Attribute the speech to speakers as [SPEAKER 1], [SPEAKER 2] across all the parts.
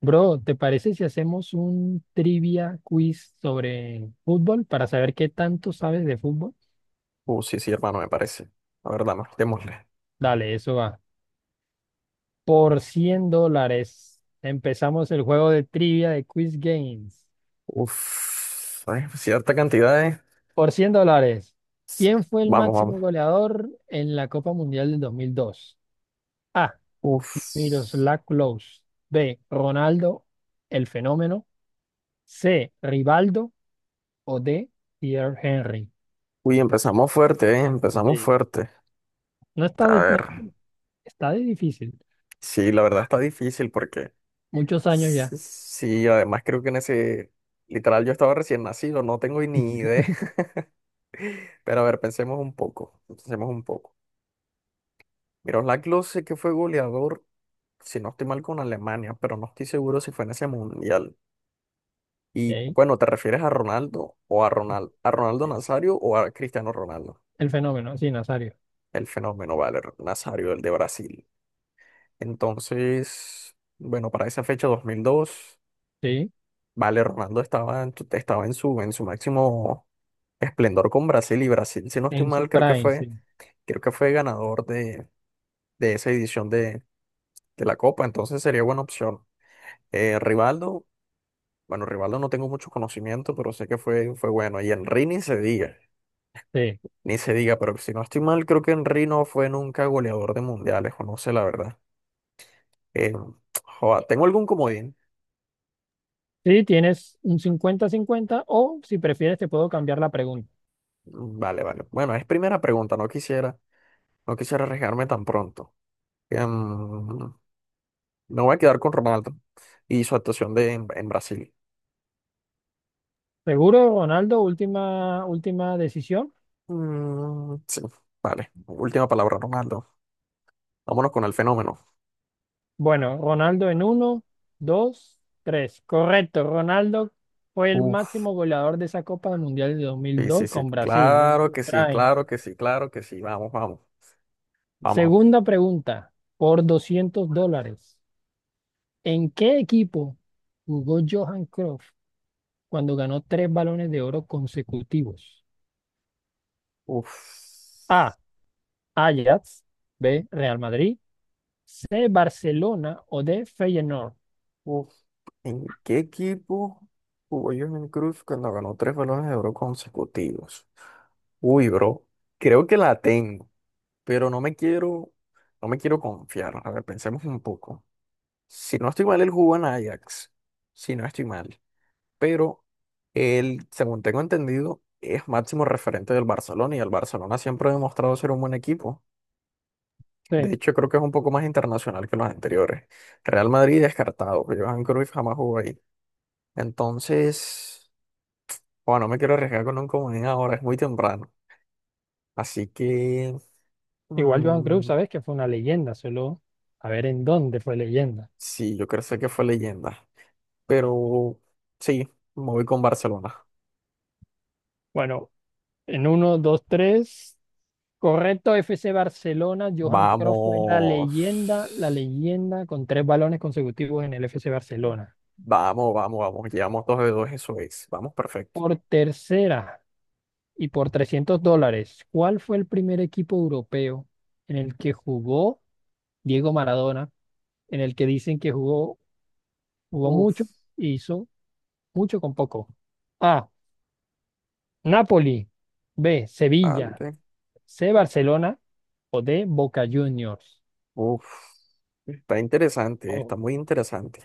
[SPEAKER 1] Bro, ¿te parece si hacemos un trivia quiz sobre fútbol para saber qué tanto sabes de fútbol?
[SPEAKER 2] Sí, sí, hermano, me parece. La verdad, más, démosle.
[SPEAKER 1] Dale, eso va. Por 100 dólares empezamos el juego de trivia de Quiz Games.
[SPEAKER 2] Uf, ¿sabes? Cierta cantidad
[SPEAKER 1] Por 100 dólares, ¿quién fue el
[SPEAKER 2] Vamos, vamos.
[SPEAKER 1] máximo goleador en la Copa Mundial del dos mil dos? A.
[SPEAKER 2] Uf.
[SPEAKER 1] Miroslav Klose. B. Ronaldo, el fenómeno. C. Rivaldo o D. Pierre Henry.
[SPEAKER 2] Uy, empezamos fuerte, ¿eh? Empezamos
[SPEAKER 1] Sí.
[SPEAKER 2] fuerte.
[SPEAKER 1] No está,
[SPEAKER 2] A
[SPEAKER 1] dif- no-
[SPEAKER 2] ver.
[SPEAKER 1] está de difícil.
[SPEAKER 2] Sí, la verdad está difícil porque...
[SPEAKER 1] Muchos años ya.
[SPEAKER 2] Sí, sí, además creo que en ese... Literal, yo estaba recién nacido, no tengo ni idea. Pero a ver, pensemos un poco. Pensemos un poco. Miroslav Klose, que fue goleador, si no estoy mal, con Alemania, pero no estoy seguro si fue en ese mundial. Y
[SPEAKER 1] Ok.
[SPEAKER 2] bueno, ¿te refieres a Ronaldo o a Ronaldo Nazario o a Cristiano Ronaldo?
[SPEAKER 1] El fenómeno, sí, Nazario.
[SPEAKER 2] El fenómeno, vale, Nazario, el de Brasil. Entonces, bueno, para esa fecha 2002
[SPEAKER 1] Sí,
[SPEAKER 2] vale, Ronaldo estaba en su máximo esplendor con Brasil y Brasil, si no estoy
[SPEAKER 1] en su
[SPEAKER 2] mal,
[SPEAKER 1] prime, sí.
[SPEAKER 2] creo que fue ganador de esa edición de la Copa, entonces sería buena opción. Rivaldo, bueno, Rivaldo no tengo mucho conocimiento, pero sé que fue bueno. Y Enrini Sevilla.
[SPEAKER 1] Sí,
[SPEAKER 2] Ni se diga, pero si no estoy mal, creo que Henry no fue nunca goleador de mundiales, o no sé la verdad. Eh, joda, ¿tengo algún comodín?
[SPEAKER 1] sí, tienes un cincuenta cincuenta o si prefieres te puedo cambiar la pregunta.
[SPEAKER 2] Mm, vale, vale. Bueno, es primera pregunta, no quisiera arriesgarme tan pronto. Em, me voy a quedar con Ronaldo y su actuación en Brasil.
[SPEAKER 1] ¿Seguro, Ronaldo? Última, última decisión.
[SPEAKER 2] Mm, sí, vale. Última palabra, Ronaldo. Vámonos con el fenómeno.
[SPEAKER 1] Bueno, Ronaldo en uno, dos, tres. Correcto, Ronaldo fue el
[SPEAKER 2] Uf,
[SPEAKER 1] máximo goleador de esa Copa del Mundial de dos mil
[SPEAKER 2] sí, sí,
[SPEAKER 1] dos
[SPEAKER 2] sí.
[SPEAKER 1] con Brasil en
[SPEAKER 2] Claro
[SPEAKER 1] su
[SPEAKER 2] que sí,
[SPEAKER 1] prime.
[SPEAKER 2] claro que sí, claro que sí. Vamos, vamos, vamos.
[SPEAKER 1] Segunda pregunta, por 200 dólares. ¿En qué equipo jugó Johan Cruyff cuando ganó tres balones de oro consecutivos?
[SPEAKER 2] Uf.
[SPEAKER 1] A. Ajax. B. Real Madrid. C. Barcelona o D. Feyenoord.
[SPEAKER 2] Uf, ¿en qué equipo jugó Jordan Cruz cuando ganó tres balones de oro consecutivos? Uy, bro, creo que la tengo, pero no me quiero confiar. A ver, pensemos un poco. Si no estoy mal, él jugó en Ajax. Si no estoy mal. Pero él, según tengo entendido, es máximo referente del Barcelona y el Barcelona siempre ha demostrado ser un buen equipo. De
[SPEAKER 1] Sí,
[SPEAKER 2] hecho, creo que es un poco más internacional que los anteriores. Real Madrid descartado, Jordan Cruz jamás jugó ahí. Entonces, bueno, no me quiero arriesgar con un comodín ahora, es muy temprano. Así que,
[SPEAKER 1] igual Johan Cruyff,
[SPEAKER 2] mm,
[SPEAKER 1] sabes que fue una leyenda, solo a ver en dónde fue leyenda.
[SPEAKER 2] sí, yo creo sé que fue leyenda. Pero sí, me voy con Barcelona.
[SPEAKER 1] Bueno, en uno, dos, tres. Correcto, F C Barcelona. Johan Cruyff fue
[SPEAKER 2] Vamos.
[SPEAKER 1] la leyenda con tres balones consecutivos en el F C Barcelona.
[SPEAKER 2] Vamos, vamos, vamos. Llevamos dos de dos, eso es. Vamos, perfecto.
[SPEAKER 1] Por tercera y por 300 dólares, ¿cuál fue el primer equipo europeo en el que jugó Diego Maradona, en el que dicen que jugó, jugó mucho
[SPEAKER 2] Uf,
[SPEAKER 1] e hizo mucho con poco? A. Napoli. B. Sevilla.
[SPEAKER 2] vale.
[SPEAKER 1] C. Barcelona. O D. Boca Juniors.
[SPEAKER 2] Uf. Está interesante, está
[SPEAKER 1] Oh.
[SPEAKER 2] muy interesante.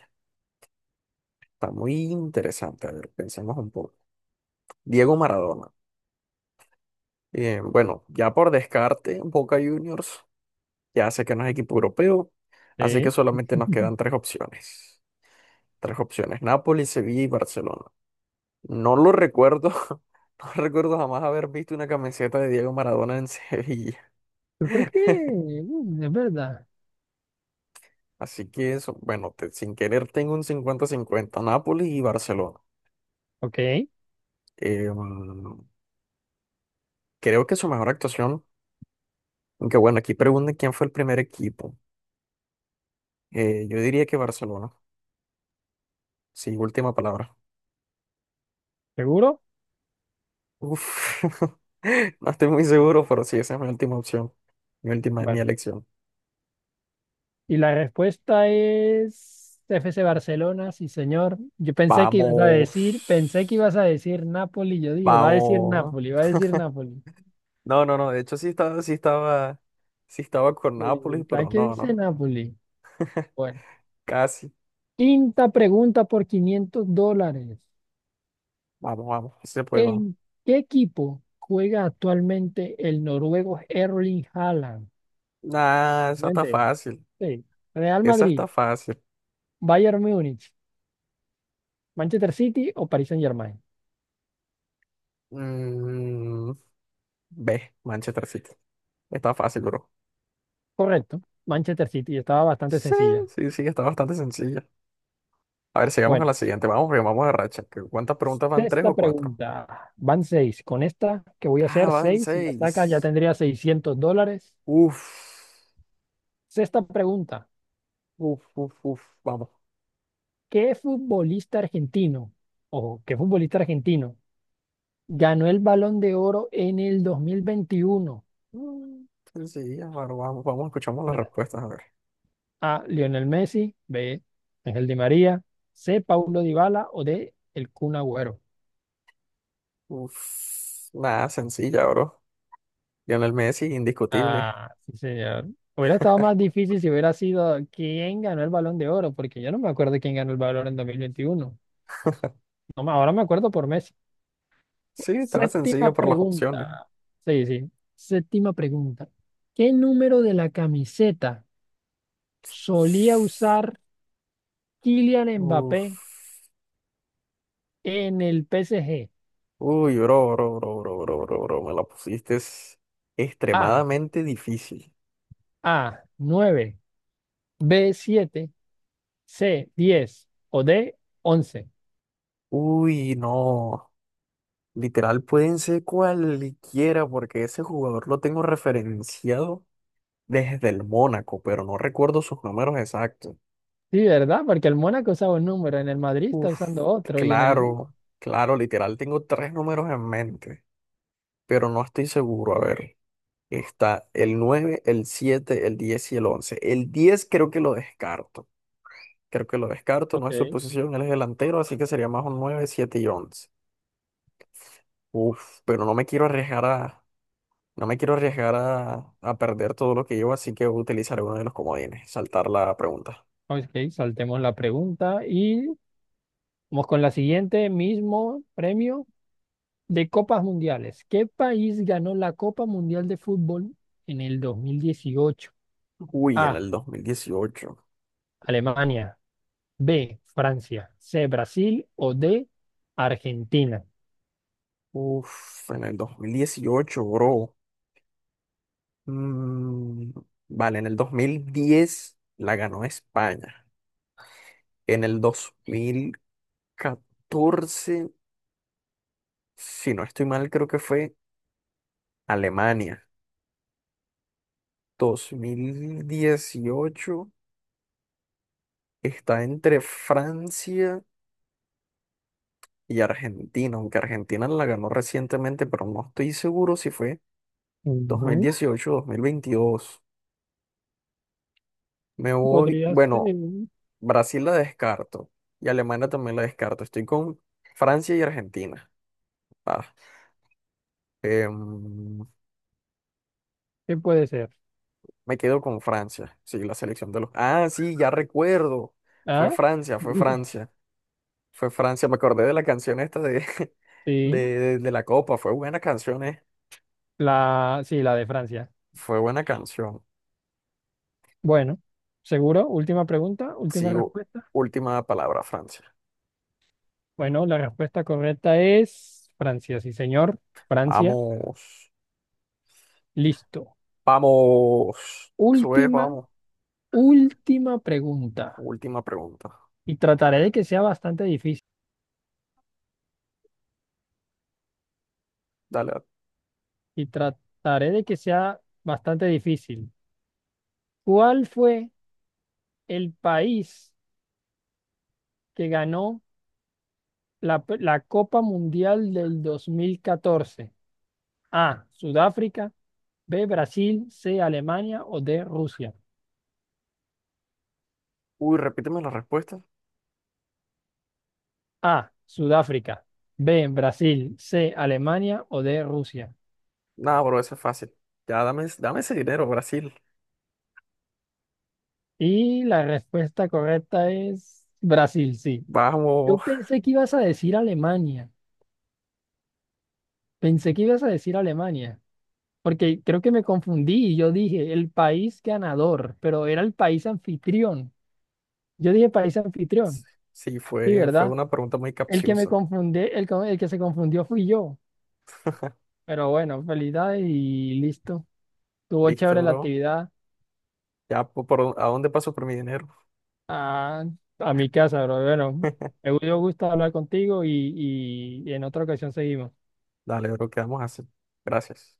[SPEAKER 2] Está muy interesante. A ver, pensemos un poco. Diego Maradona. Bueno, ya por descarte, Boca Juniors ya sé que no es equipo europeo, así que
[SPEAKER 1] Sí.
[SPEAKER 2] solamente nos quedan tres opciones. Tres opciones, Nápoles, Sevilla y Barcelona. No lo recuerdo, no recuerdo jamás haber visto una camiseta de Diego Maradona en Sevilla.
[SPEAKER 1] Yo creo que es verdad.
[SPEAKER 2] Así que eso, bueno, sin querer tengo un cincuenta-cincuenta. Nápoles y Barcelona.
[SPEAKER 1] Ok,
[SPEAKER 2] Eh, mm, creo que su mejor actuación, aunque bueno, aquí preguntan quién fue el primer equipo. Yo diría que Barcelona. Sí, última palabra.
[SPEAKER 1] ¿seguro?
[SPEAKER 2] Uf, no estoy muy seguro, pero sí, esa es mi última opción. Mi última, es mi
[SPEAKER 1] Bueno.
[SPEAKER 2] elección.
[SPEAKER 1] Y la respuesta es FC Barcelona, sí, señor. Yo pensé que ibas a decir,
[SPEAKER 2] Vamos.
[SPEAKER 1] pensé que ibas a decir Napoli. Yo dije, va a decir
[SPEAKER 2] Vamos.
[SPEAKER 1] Napoli, va a decir Napoli.
[SPEAKER 2] No, no, no. De hecho, sí estaba con
[SPEAKER 1] Le
[SPEAKER 2] Nápoles,
[SPEAKER 1] dije,
[SPEAKER 2] pero
[SPEAKER 1] ¿qué
[SPEAKER 2] no,
[SPEAKER 1] dice
[SPEAKER 2] no.
[SPEAKER 1] Napoli? Bueno,
[SPEAKER 2] Casi.
[SPEAKER 1] quinta pregunta por 500 dólares.
[SPEAKER 2] Vamos, vamos. Sí se puede, vamos.
[SPEAKER 1] ¿En qué equipo juega actualmente el noruego Erling Haaland?
[SPEAKER 2] Nah, esa está
[SPEAKER 1] Mente.
[SPEAKER 2] fácil.
[SPEAKER 1] Sí. Real
[SPEAKER 2] Esa
[SPEAKER 1] Madrid,
[SPEAKER 2] está fácil.
[SPEAKER 1] Bayern Múnich, Manchester City o Paris Saint-Germain.
[SPEAKER 2] Mm, ve, Manchester City. Está fácil, bro.
[SPEAKER 1] Correcto. Manchester City. Estaba bastante
[SPEAKER 2] Sí,
[SPEAKER 1] sencilla.
[SPEAKER 2] sí, sí, está bastante sencilla. A ver, sigamos con
[SPEAKER 1] Bueno,
[SPEAKER 2] la siguiente. Vamos, porque vamos a racha. ¿Cuántas preguntas van? ¿Tres
[SPEAKER 1] sexta
[SPEAKER 2] o cuatro?
[SPEAKER 1] pregunta. Van seis. Con esta que voy a
[SPEAKER 2] Ah,
[SPEAKER 1] hacer
[SPEAKER 2] van
[SPEAKER 1] seis, si la saca ya
[SPEAKER 2] seis.
[SPEAKER 1] tendría 600 dólares.
[SPEAKER 2] Uf,
[SPEAKER 1] Sexta pregunta.
[SPEAKER 2] uf, uf, uf. Vamos.
[SPEAKER 1] ¿Qué futbolista argentino? Ojo, ¿qué futbolista argentino ganó el Balón de Oro en el dos mil veintiuno,
[SPEAKER 2] Mm, sencilla, bro. Vamos, vamos, escuchamos las
[SPEAKER 1] ¿verdad?
[SPEAKER 2] respuestas, a ver.
[SPEAKER 1] A. Lionel Messi, B. Ángel Di María, C. Paulo Dybala o D. El Kun Agüero.
[SPEAKER 2] Uf, nada, sencilla, bro. Lionel Messi, indiscutible.
[SPEAKER 1] Ah, sí, señor. Hubiera estado más difícil si hubiera sido quién ganó el Balón de Oro, porque yo no me acuerdo quién ganó el Balón en 2021. No, me- ahora me acuerdo por Messi.
[SPEAKER 2] Sí, estaba sencillo
[SPEAKER 1] Séptima
[SPEAKER 2] por las opciones.
[SPEAKER 1] pregunta. Sí, sí. Séptima pregunta. ¿Qué número de la camiseta solía usar Kylian Mbappé
[SPEAKER 2] Uf.
[SPEAKER 1] en el PSG?
[SPEAKER 2] Uy, bro, bro, bro, bro, bro, bro, bro. Me la pusiste es
[SPEAKER 1] A,
[SPEAKER 2] extremadamente difícil.
[SPEAKER 1] A, 9, B, 7, C, 10 o D, once.
[SPEAKER 2] Uy, no. Literal, pueden ser cualquiera porque ese jugador lo tengo referenciado desde el Mónaco, pero no recuerdo sus números exactos.
[SPEAKER 1] Sí, ¿verdad? Porque el Mónaco usaba un número, en el Madrid está
[SPEAKER 2] Uf,
[SPEAKER 1] usando otro y en el...
[SPEAKER 2] claro, claro, literal, tengo tres números en mente, pero no estoy seguro. A ver, está el 9, el 7, el 10 y el 11. El 10 creo que lo descarto. Creo que lo descarto, no
[SPEAKER 1] Ok.
[SPEAKER 2] es su posición, él es delantero, así que sería más un 9, 7 y 11. Uf, pero no me quiero arriesgar a, no me quiero arriesgar a perder todo lo que llevo, así que utilizaré uno de los comodines, saltar la pregunta.
[SPEAKER 1] Ok, saltemos la pregunta y vamos con la siguiente, mismo premio de Copas Mundiales. ¿Qué país ganó la Copa Mundial de Fútbol en el 2018?
[SPEAKER 2] Uy, en
[SPEAKER 1] A,
[SPEAKER 2] el 2018.
[SPEAKER 1] Alemania, B, Francia, C, Brasil o D, Argentina.
[SPEAKER 2] Uf, en el dos mil dieciocho, bro. Mm, vale, en el 2010 la ganó España. En el dos mil catorce, si no estoy mal, creo que fue Alemania. Dos mil dieciocho está entre Francia y Argentina, aunque Argentina la ganó recientemente, pero no estoy seguro si fue
[SPEAKER 1] Ujú.
[SPEAKER 2] 2018 o dos mil veintidós. Me voy,
[SPEAKER 1] Podría ser.
[SPEAKER 2] bueno. Brasil la descarto y Alemania también la descarto. Estoy con Francia y Argentina. Ah, em,
[SPEAKER 1] ¿Qué puede ser?
[SPEAKER 2] me quedo con Francia. Sí, la selección de los... Ah, sí, ya recuerdo. Fue
[SPEAKER 1] ¿Ah?
[SPEAKER 2] Francia, fue Francia. Fue Francia. Me acordé de la canción esta
[SPEAKER 1] Sí,
[SPEAKER 2] de la Copa. Fue buena canción, eh.
[SPEAKER 1] la, sí, la de Francia.
[SPEAKER 2] Fue buena canción.
[SPEAKER 1] Bueno, ¿seguro? Última pregunta, última
[SPEAKER 2] Sí,
[SPEAKER 1] respuesta.
[SPEAKER 2] última palabra, Francia.
[SPEAKER 1] Bueno, la respuesta correcta es Francia, sí, señor. Francia,
[SPEAKER 2] Vamos.
[SPEAKER 1] listo.
[SPEAKER 2] Vamos. Eso es,
[SPEAKER 1] Última,
[SPEAKER 2] vamos.
[SPEAKER 1] última pregunta.
[SPEAKER 2] Última pregunta.
[SPEAKER 1] Y trataré de que sea bastante difícil.
[SPEAKER 2] Dale.
[SPEAKER 1] Y trataré de que sea bastante difícil. ¿Cuál fue el país que ganó la Copa Mundial del 2014? A. Sudáfrica. B, Brasil, C, Alemania o D, Rusia.
[SPEAKER 2] Uy, repíteme la respuesta.
[SPEAKER 1] A, Sudáfrica. B, Brasil, C, Alemania o D, Rusia.
[SPEAKER 2] No, bro, eso es fácil. Ya dame, dame ese dinero, Brasil.
[SPEAKER 1] Y la respuesta correcta es Brasil, sí. Yo
[SPEAKER 2] Vamos.
[SPEAKER 1] pensé que ibas a decir Alemania. Pensé que ibas a decir Alemania. Porque creo que me confundí y yo dije el país ganador, pero era el país anfitrión. Yo dije país anfitrión.
[SPEAKER 2] Sí,
[SPEAKER 1] Sí,
[SPEAKER 2] fue
[SPEAKER 1] ¿verdad?
[SPEAKER 2] una pregunta muy
[SPEAKER 1] El que me
[SPEAKER 2] capciosa.
[SPEAKER 1] confundí, el, co- el que se confundió fui yo. Pero bueno, felicidades y listo. Tuvo
[SPEAKER 2] Listo,
[SPEAKER 1] chévere la
[SPEAKER 2] bro.
[SPEAKER 1] actividad
[SPEAKER 2] Ya, por, ¿a dónde paso por mi dinero?
[SPEAKER 1] a, a mi casa, pero bueno, me dio gusto hablar contigo y, y en otra ocasión seguimos.
[SPEAKER 2] Dale, bro, ¿qué vamos a hacer? Gracias.